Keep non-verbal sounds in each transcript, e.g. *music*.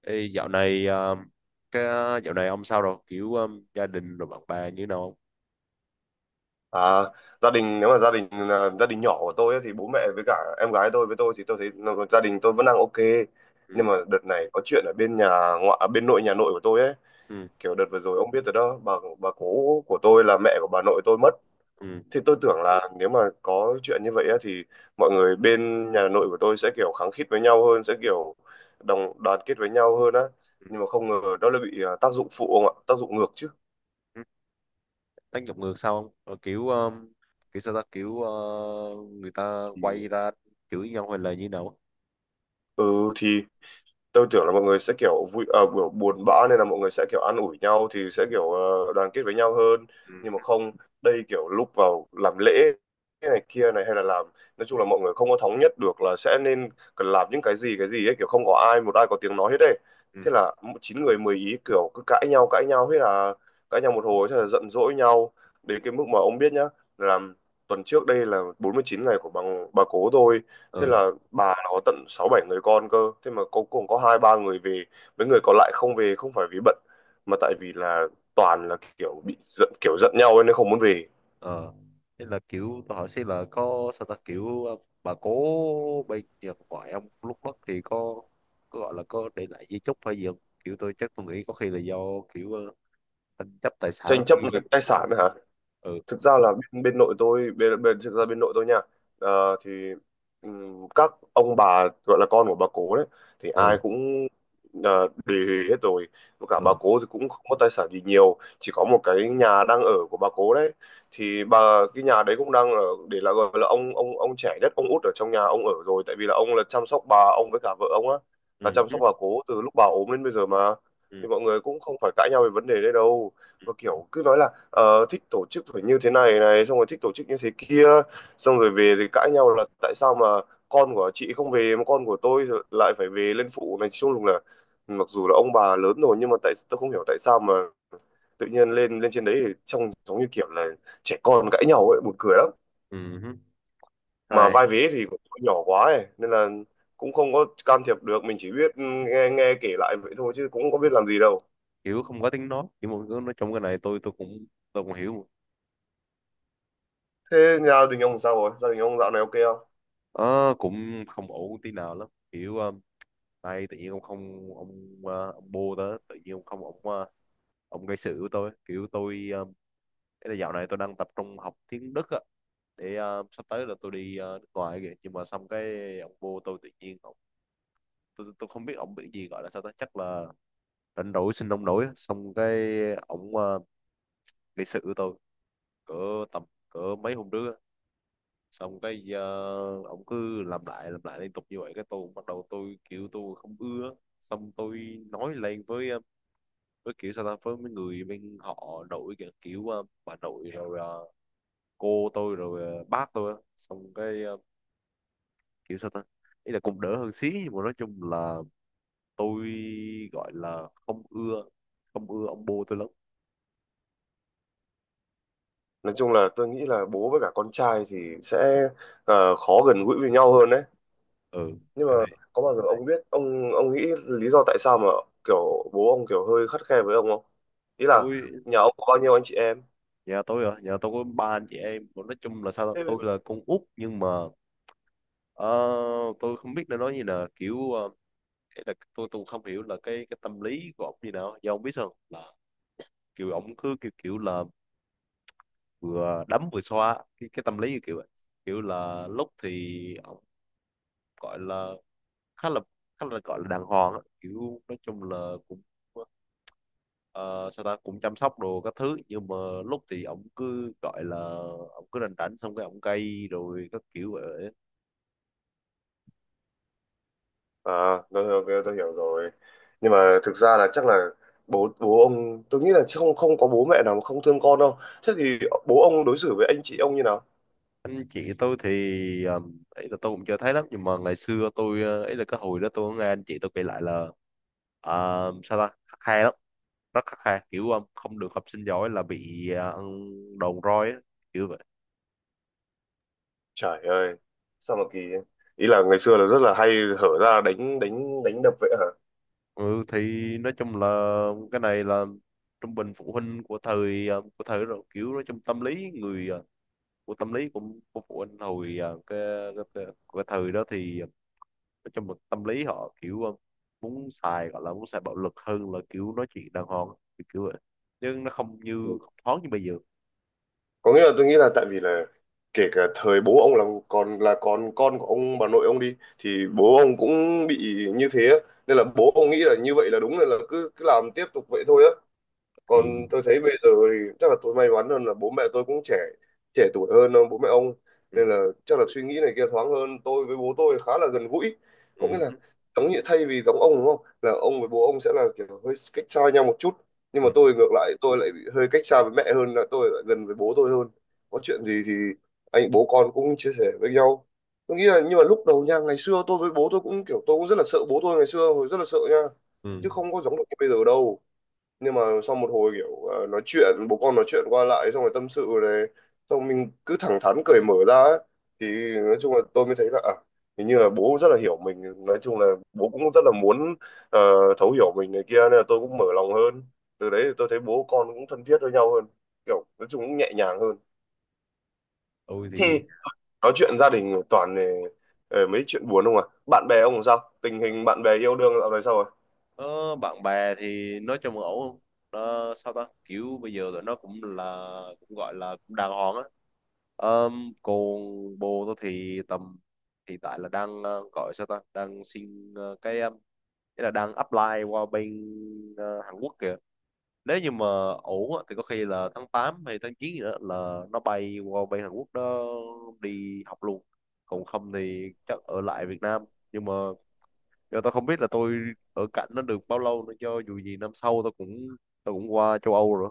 Ê, dạo này cái dạo này ông sao rồi kiểu gia đình rồi bạn bè như nào không? À, gia đình nếu mà gia đình là gia đình nhỏ của tôi ấy, thì bố mẹ với cả em gái tôi với tôi thì tôi thấy gia đình tôi vẫn đang ok. Ừ, Nhưng mà đợt này có chuyện ở bên nhà ngoại à, bên nội, nhà nội của tôi ấy, ừ, kiểu đợt vừa rồi ông biết rồi đó. Bà cố của tôi là mẹ của bà nội tôi mất. ừ, Thì tôi tưởng là nếu mà có chuyện như vậy ấy, thì mọi người bên nhà nội của tôi sẽ kiểu khăng khít với nhau hơn, sẽ kiểu đồng đoàn kết với nhau hơn á. ừ. Nhưng mà không ngờ nó lại bị à, tác dụng phụ ông ạ, tác dụng ngược chứ. Ừ. Đánh giọng ngược sao không? Ờ, Kiểu kiểu sao ta kiểu người ta Thì quay ra chửi nhau hay là như nào? ừ, thì tôi tưởng là mọi người sẽ kiểu vui à, kiểu buồn bã nên là mọi người sẽ kiểu an ủi nhau thì sẽ kiểu đoàn kết với nhau hơn. Nhưng mà Ừ, không, đây kiểu lúc vào làm lễ cái này kia này hay là làm, nói chung là mọi người không có thống nhất được là sẽ nên cần làm những cái gì ấy, kiểu không có một ai có tiếng nói hết đấy. ừ, Thế là chín người mười ý, kiểu cứ cãi nhau, cãi nhau hết, là cãi nhau một hồi thế là giận dỗi nhau đến cái mức mà ông biết nhá, là tuần trước đây là 49 ngày của bà cố tôi. Thế ừ, là bà nó có tận sáu bảy người con cơ, thế mà cuối cùng có hai ba người về, mấy người còn lại không về không phải vì bận mà tại vì là toàn là kiểu bị giận, kiểu giận nhau ấy, nên không muốn về. ờ, thế là kiểu tôi hỏi xem là có sao ta, kiểu bà cố bên nhà ngoại ông lúc mất thì có gọi là có để lại di chúc hay gì không? Kiểu tôi chắc tôi nghĩ có khi là do kiểu tranh chấp tài sản Tranh chấp hay gì về đó. tài sản hả? Ừ, Thực ra là bên, bên nội tôi, bên, bên thực ra bên nội tôi nha. Ờ, thì các ông bà gọi là con của bà cố đấy thì ừ, ai cũng ờ, đề hết rồi. Và cả bà ừ, cố thì cũng không có tài sản gì nhiều, chỉ có một cái nhà đang ở của bà cố đấy. Thì bà Cái nhà đấy cũng đang ở, để là gọi là ông trẻ nhất, ông út ở trong nhà ông ở rồi, tại vì là ông là chăm sóc bà, ông với cả vợ ông á, là ừ chăm hứ, sóc bà cố từ lúc bà ốm đến bây giờ mà. ừ, Thì mọi người cũng không phải cãi nhau về vấn đề đấy đâu, và kiểu cứ nói là thích tổ chức phải như thế này này, xong rồi thích tổ chức như thế kia, xong rồi về thì cãi nhau là tại sao mà con của chị không về mà con của tôi thì lại phải về lên phụ này chung, lúc là mặc dù là ông bà lớn rồi nhưng mà tại tôi không hiểu tại sao mà tự nhiên lên lên trên đấy thì trông giống như kiểu là trẻ con cãi nhau ấy, buồn cười lắm. ừ hứ. Mà Thôi, vai vế thì cũng nhỏ quá ấy, nên là cũng không có can thiệp được, mình chỉ biết nghe nghe kể lại vậy thôi chứ cũng không biết làm gì đâu. kiểu không có tiếng nói, kiểu mọi người nói trong cái này tôi cũng tôi cũng hiểu. Thế nhà đình ông sao rồi, gia đình ông dạo này ok không? Ờ, cũng không ổn tí nào lắm, kiểu đây tự nhiên ông không ông ông bô đó tự nhiên ông không ông ông gây sự với tôi, kiểu tôi cái là dạo này tôi đang tập trung học tiếng Đức á, để sắp tới là tôi đi nước ngoài kìa, nhưng mà xong cái ông vô tôi tự nhiên ông tôi không biết ông bị gì, gọi là sao đó, chắc là rảnh rỗi xin ông nổi á. Xong cái ông gây sự với tôi cỡ tầm cỡ mấy hôm trước á. Xong cái ông cứ làm lại liên tục như vậy, cái tôi cũng bắt đầu tôi kiểu tôi không ưa. Xong tôi nói lên với với kiểu sao ta, với mấy người bên họ nội kìa, kiểu bà nội rồi cô tôi rồi bác tôi á. Xong cái kiểu sao ta, ý là cũng đỡ hơn xí, nhưng mà nói chung là tôi gọi là không ưa, không ưa ông bố tôi lắm. Nói chung là tôi nghĩ là bố với cả con trai thì sẽ khó gần gũi với nhau hơn đấy. Ừ, Nhưng mà cái này có bao giờ ông biết ông nghĩ lý do tại sao mà kiểu bố ông kiểu hơi khắt khe với ông không? Ý là tôi. nhà ông có bao nhiêu anh chị em? Nhà tôi à, nhà tôi có ba anh chị em. Còn nói chung là sao, Thế- tôi là con út nhưng mà ờ, tôi không biết nên nói như là kiểu ý là tôi không hiểu là cái tâm lý của ông như nào, do ông biết sao là kiểu ông cứ kiểu kiểu là vừa đấm vừa xoa cái tâm lý như kiểu vậy. Kiểu là lúc thì ông gọi là khá là khá là gọi là đàng hoàng á, kiểu nói chung là cũng ờ, sao ta cũng chăm sóc đồ các thứ, nhưng mà lúc thì ổng cứ gọi là ổng cứ rảnh rảnh xong cái ổng cay rồi các kiểu vậy. à, tôi hiểu rồi. Nhưng mà thực ra là chắc là bố bố ông, tôi nghĩ là chắc không không có bố mẹ nào mà không thương con đâu. Thế thì bố ông đối xử với anh chị ông như nào? Anh chị tôi thì ấy là tôi cũng chưa thấy lắm, nhưng mà ngày xưa tôi ấy là cái hồi đó tôi có nghe anh chị tôi kể lại là ờ, sao ta khắt khe lắm, rất khắt khe, kiểu không được học sinh giỏi là bị ăn đòn roi á, kiểu vậy. Trời ơi, sao mà kỳ ấy. Ý là ngày xưa là rất là hay hở ra đánh đánh đánh đập vậy hả? Ừ thì nói chung là cái này là trung bình phụ huynh của thời của thời đó rồi, kiểu nói chung tâm lý người của tâm lý của phụ huynh hồi cái, cái, cái thời đó thì trong một tâm lý họ kiểu muốn xài gọi là muốn xài bạo lực hơn là kiểu nói chuyện đàng hoàng, kiểu vậy. Nhưng nó không như Ừ. không thoáng như bây giờ Có nghĩa là tôi nghĩ là tại vì là kể cả thời bố ông là còn là con của ông bà nội ông đi thì bố ông cũng bị như thế á. Nên là bố ông nghĩ là như vậy là đúng nên là cứ cứ làm tiếp tục vậy thôi á. thì Còn tôi thấy bây giờ thì chắc là tôi may mắn hơn là bố mẹ tôi cũng trẻ, trẻ tuổi hơn bố mẹ ông, ừ, nên là chắc là suy nghĩ này kia thoáng hơn, tôi với bố tôi khá là gần gũi. Có nghĩa ừ, là giống như thay vì giống ông đúng không, là ông với bố ông sẽ là kiểu hơi cách xa nhau một chút, nhưng ừ, mà tôi ngược lại, tôi lại bị hơi cách xa với mẹ hơn, là tôi lại gần với bố tôi hơn. Có chuyện gì thì anh bố con cũng chia sẻ với nhau. Tôi nghĩ là nhưng mà lúc đầu nha, ngày xưa tôi với bố tôi cũng kiểu tôi cũng rất là sợ bố tôi ngày xưa, hồi rất là sợ nha, ừ. chứ không có giống được như bây giờ đâu. Nhưng mà sau một hồi kiểu nói chuyện bố con, nói chuyện qua lại xong rồi tâm sự này, xong mình cứ thẳng thắn cởi mở ra ấy. Thì nói chung là tôi mới thấy là à, hình như là bố rất là hiểu mình, nói chung là bố cũng rất là muốn ờ, thấu hiểu mình này kia, nên là tôi cũng mở lòng hơn. Từ đấy thì tôi thấy bố con cũng thân thiết với nhau hơn, kiểu nói chung cũng nhẹ nhàng hơn. Tôi Thế, thì nói chuyện gia đình toàn mấy chuyện buồn không à, bạn bè ông sao, tình hình bạn bè, yêu đương dạo này sao rồi? ờ, bạn bè thì nói chung là ổn không. Ờ, sao ta kiểu bây giờ tụi nó cũng là cũng gọi là cũng đàng hoàng á. Còn bồ tôi thì tầm hiện tại là đang gọi sao ta, đang xin nghĩa là đang apply qua bên Hàn Quốc kìa. Nếu như mà ổn á, thì có khi là tháng 8 hay tháng 9 gì đó là nó bay qua bên Hàn Quốc đó đi học luôn, còn không thì chắc ở lại Việt Nam. Nhưng mà giờ tao không biết là tôi ở cạnh nó được bao lâu nữa, cho dù gì năm sau tao cũng qua châu Âu rồi.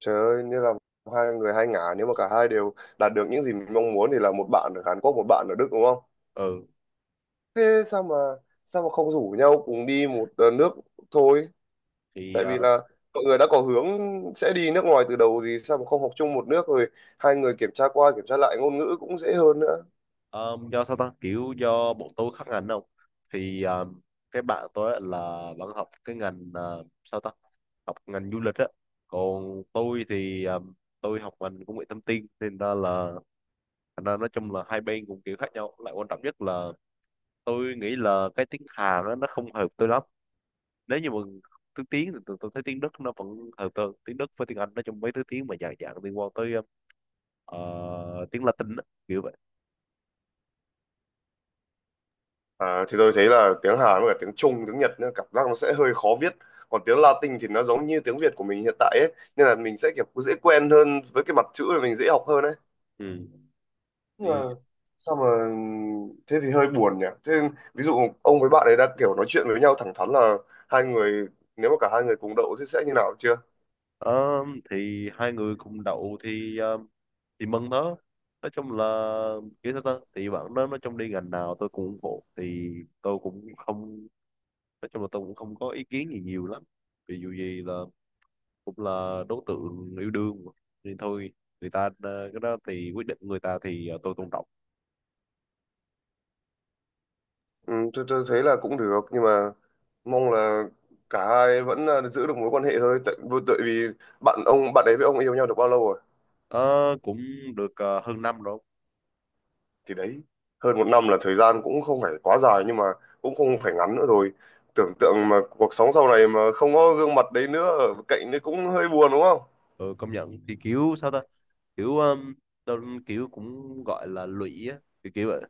Trời ơi, như là hai người hai ngả, nếu mà cả hai đều đạt được những gì mình mong muốn thì là một bạn ở Hàn Quốc, một bạn ở Đức đúng không? Ừ Thế sao mà không rủ nhau cùng đi một nước thôi? thì Tại à, vì là mọi người đã có hướng sẽ đi nước ngoài từ đầu, thì sao mà không học chung một nước rồi hai người kiểm tra qua kiểm tra lại ngôn ngữ cũng dễ hơn nữa. ờ, do sao ta kiểu do bọn tôi khác ngành không, thì cái bạn tôi á là vẫn học cái ngành sao ta học ngành du lịch á, còn tôi thì tôi học ngành công nghệ thông tin nên ra là thành ra nói chung là hai bên cũng kiểu khác nhau, lại quan trọng nhất là tôi nghĩ là cái tiếng Hàn á, nó không hợp tôi lắm. Nếu như mà thứ tiếng thì tôi thấy tiếng Đức nó vẫn hợp tôi hơn, tiếng Đức với tiếng Anh, nói chung mấy thứ tiếng mà dạng dạng liên quan tới tiếng Latin á, kiểu vậy. À, thì tôi thấy là tiếng Hàn với cả tiếng Trung, tiếng Nhật nữa, cảm giác nó sẽ hơi khó viết. Còn tiếng Latin thì nó giống như tiếng Việt của mình hiện tại ấy, nên là mình sẽ kiểu dễ quen hơn với cái mặt chữ rồi mình dễ học hơn ấy. Ừ. Mà sao mà, thế thì hơi buồn nhỉ. Thế ví dụ ông với bạn ấy đã kiểu nói chuyện với nhau thẳng thắn là hai người nếu mà cả hai người cùng đậu thì sẽ như nào chưa? Ờ, thì hai người cùng đậu thì thì mừng đó. Nói chung là kiểu sao ta thì bạn đó nói chung đi ngành nào tôi cũng ủng hộ, thì tôi cũng không, nói chung là tôi cũng không có ý kiến gì nhiều lắm vì dù gì là cũng là đối tượng yêu đương mà. Nên thôi, người ta cái đó thì quyết định người ta thì tôi tôn trọng. Ừ, tôi thấy là cũng được nhưng mà mong là cả hai vẫn là giữ được mối quan hệ thôi, tại vì bạn ông, bạn ấy với ông yêu nhau được bao lâu rồi? Ờ, cũng được hơn năm rồi. Thì đấy, hơn 1 năm là thời gian cũng không phải quá dài nhưng mà cũng không phải ngắn nữa rồi. Tưởng tượng mà cuộc sống sau này mà không có gương mặt đấy nữa ở cạnh đấy cũng hơi buồn đúng không? Ừ, công nhận thì kiểu sao ta, kiểu tôi kiểu cũng gọi là lụy á, kiểu kiểu vậy.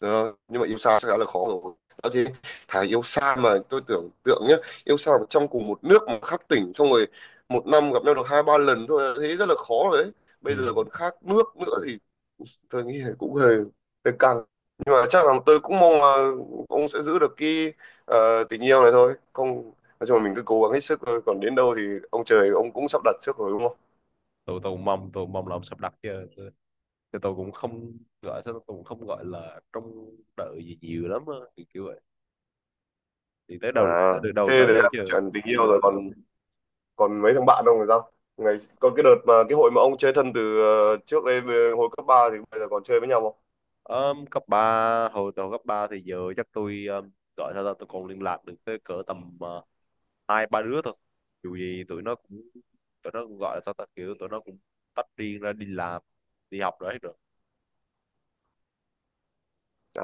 Đó, nhưng mà yêu xa sẽ đã là khó rồi. Đã thế, thà yêu xa mà tôi tưởng tượng nhá, yêu xa mà trong cùng một nước mà khác tỉnh, xong rồi 1 năm gặp nhau được hai ba lần thôi là thấy rất là khó rồi đấy. Bây Ừ, giờ còn khác nước nữa thì tôi nghĩ là cũng hơi hơi căng. Nhưng mà chắc là tôi cũng mong là ông sẽ giữ được cái tình yêu này thôi. Không, nói chung là mình cứ cố gắng hết sức thôi, còn đến đâu thì ông trời ông cũng sắp đặt trước rồi đúng không? tôi cũng mong, tôi cũng mong là ông sắp đặt chứ, chứ tôi cũng không gọi sao tôi cũng không gọi là trông đợi gì nhiều lắm á, kiểu kiểu vậy. Thì tới À, đầu tới được đầu thế tới đấy thôi là chứ. chuyện tình yêu rồi, còn còn mấy thằng bạn ông thì sao, ngày có cái đợt mà cái hội mà ông chơi thân từ trước đây về hồi cấp 3 thì bây giờ còn chơi với nhau không? Cấp 3 hồi tôi cấp 3 thì giờ chắc tôi gọi sao ta tôi còn liên lạc được tới cỡ tầm hai ba đứa thôi. Dù gì tụi nó cũng gọi là sao ta kiểu tụi nó cũng tách riêng ra đi làm đi học rồi hết rồi. À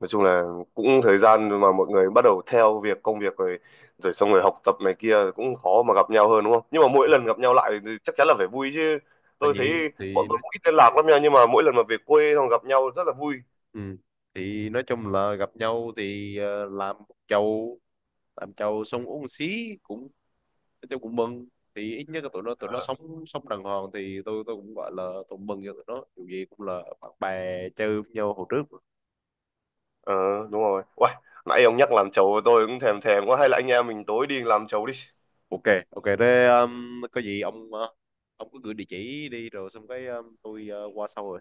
nói chung là cũng thời gian mà mọi người bắt đầu theo việc công việc rồi, rồi xong rồi học tập này kia cũng khó mà gặp nhau hơn đúng không, nhưng mà mỗi Ừ. lần gặp nhau lại thì chắc chắn là phải vui chứ. Tất Tôi thấy nhiên bọn thì tôi nó- cũng ít liên lạc lắm nha, nhưng mà mỗi lần mà về quê xong gặp nhau rất là vui. ừ. Thì nói chung là gặp nhau thì làm một chầu, làm giàu xong uống một xí cũng tôi cũng mừng, thì ít nhất là tụi nó sống sống đàng hoàng thì tôi cũng gọi là tôi mừng cho tụi nó, dù gì cũng là bạn bè chơi với nhau hồi trước mà. Ờ đúng rồi. Uầy, nãy ông nhắc làm chầu tôi cũng thèm thèm quá, hay là anh em mình tối đi làm chầu đi. Ok, ok, thế có gì ông ông cứ gửi địa chỉ đi rồi xong cái tôi qua sau rồi.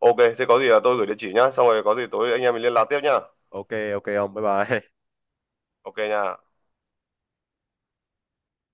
Ok, thế có gì là tôi gửi địa chỉ nhá, xong rồi có gì tối anh em mình liên lạc tiếp nhá. Ok ok ông bye bye *laughs* Ok nha.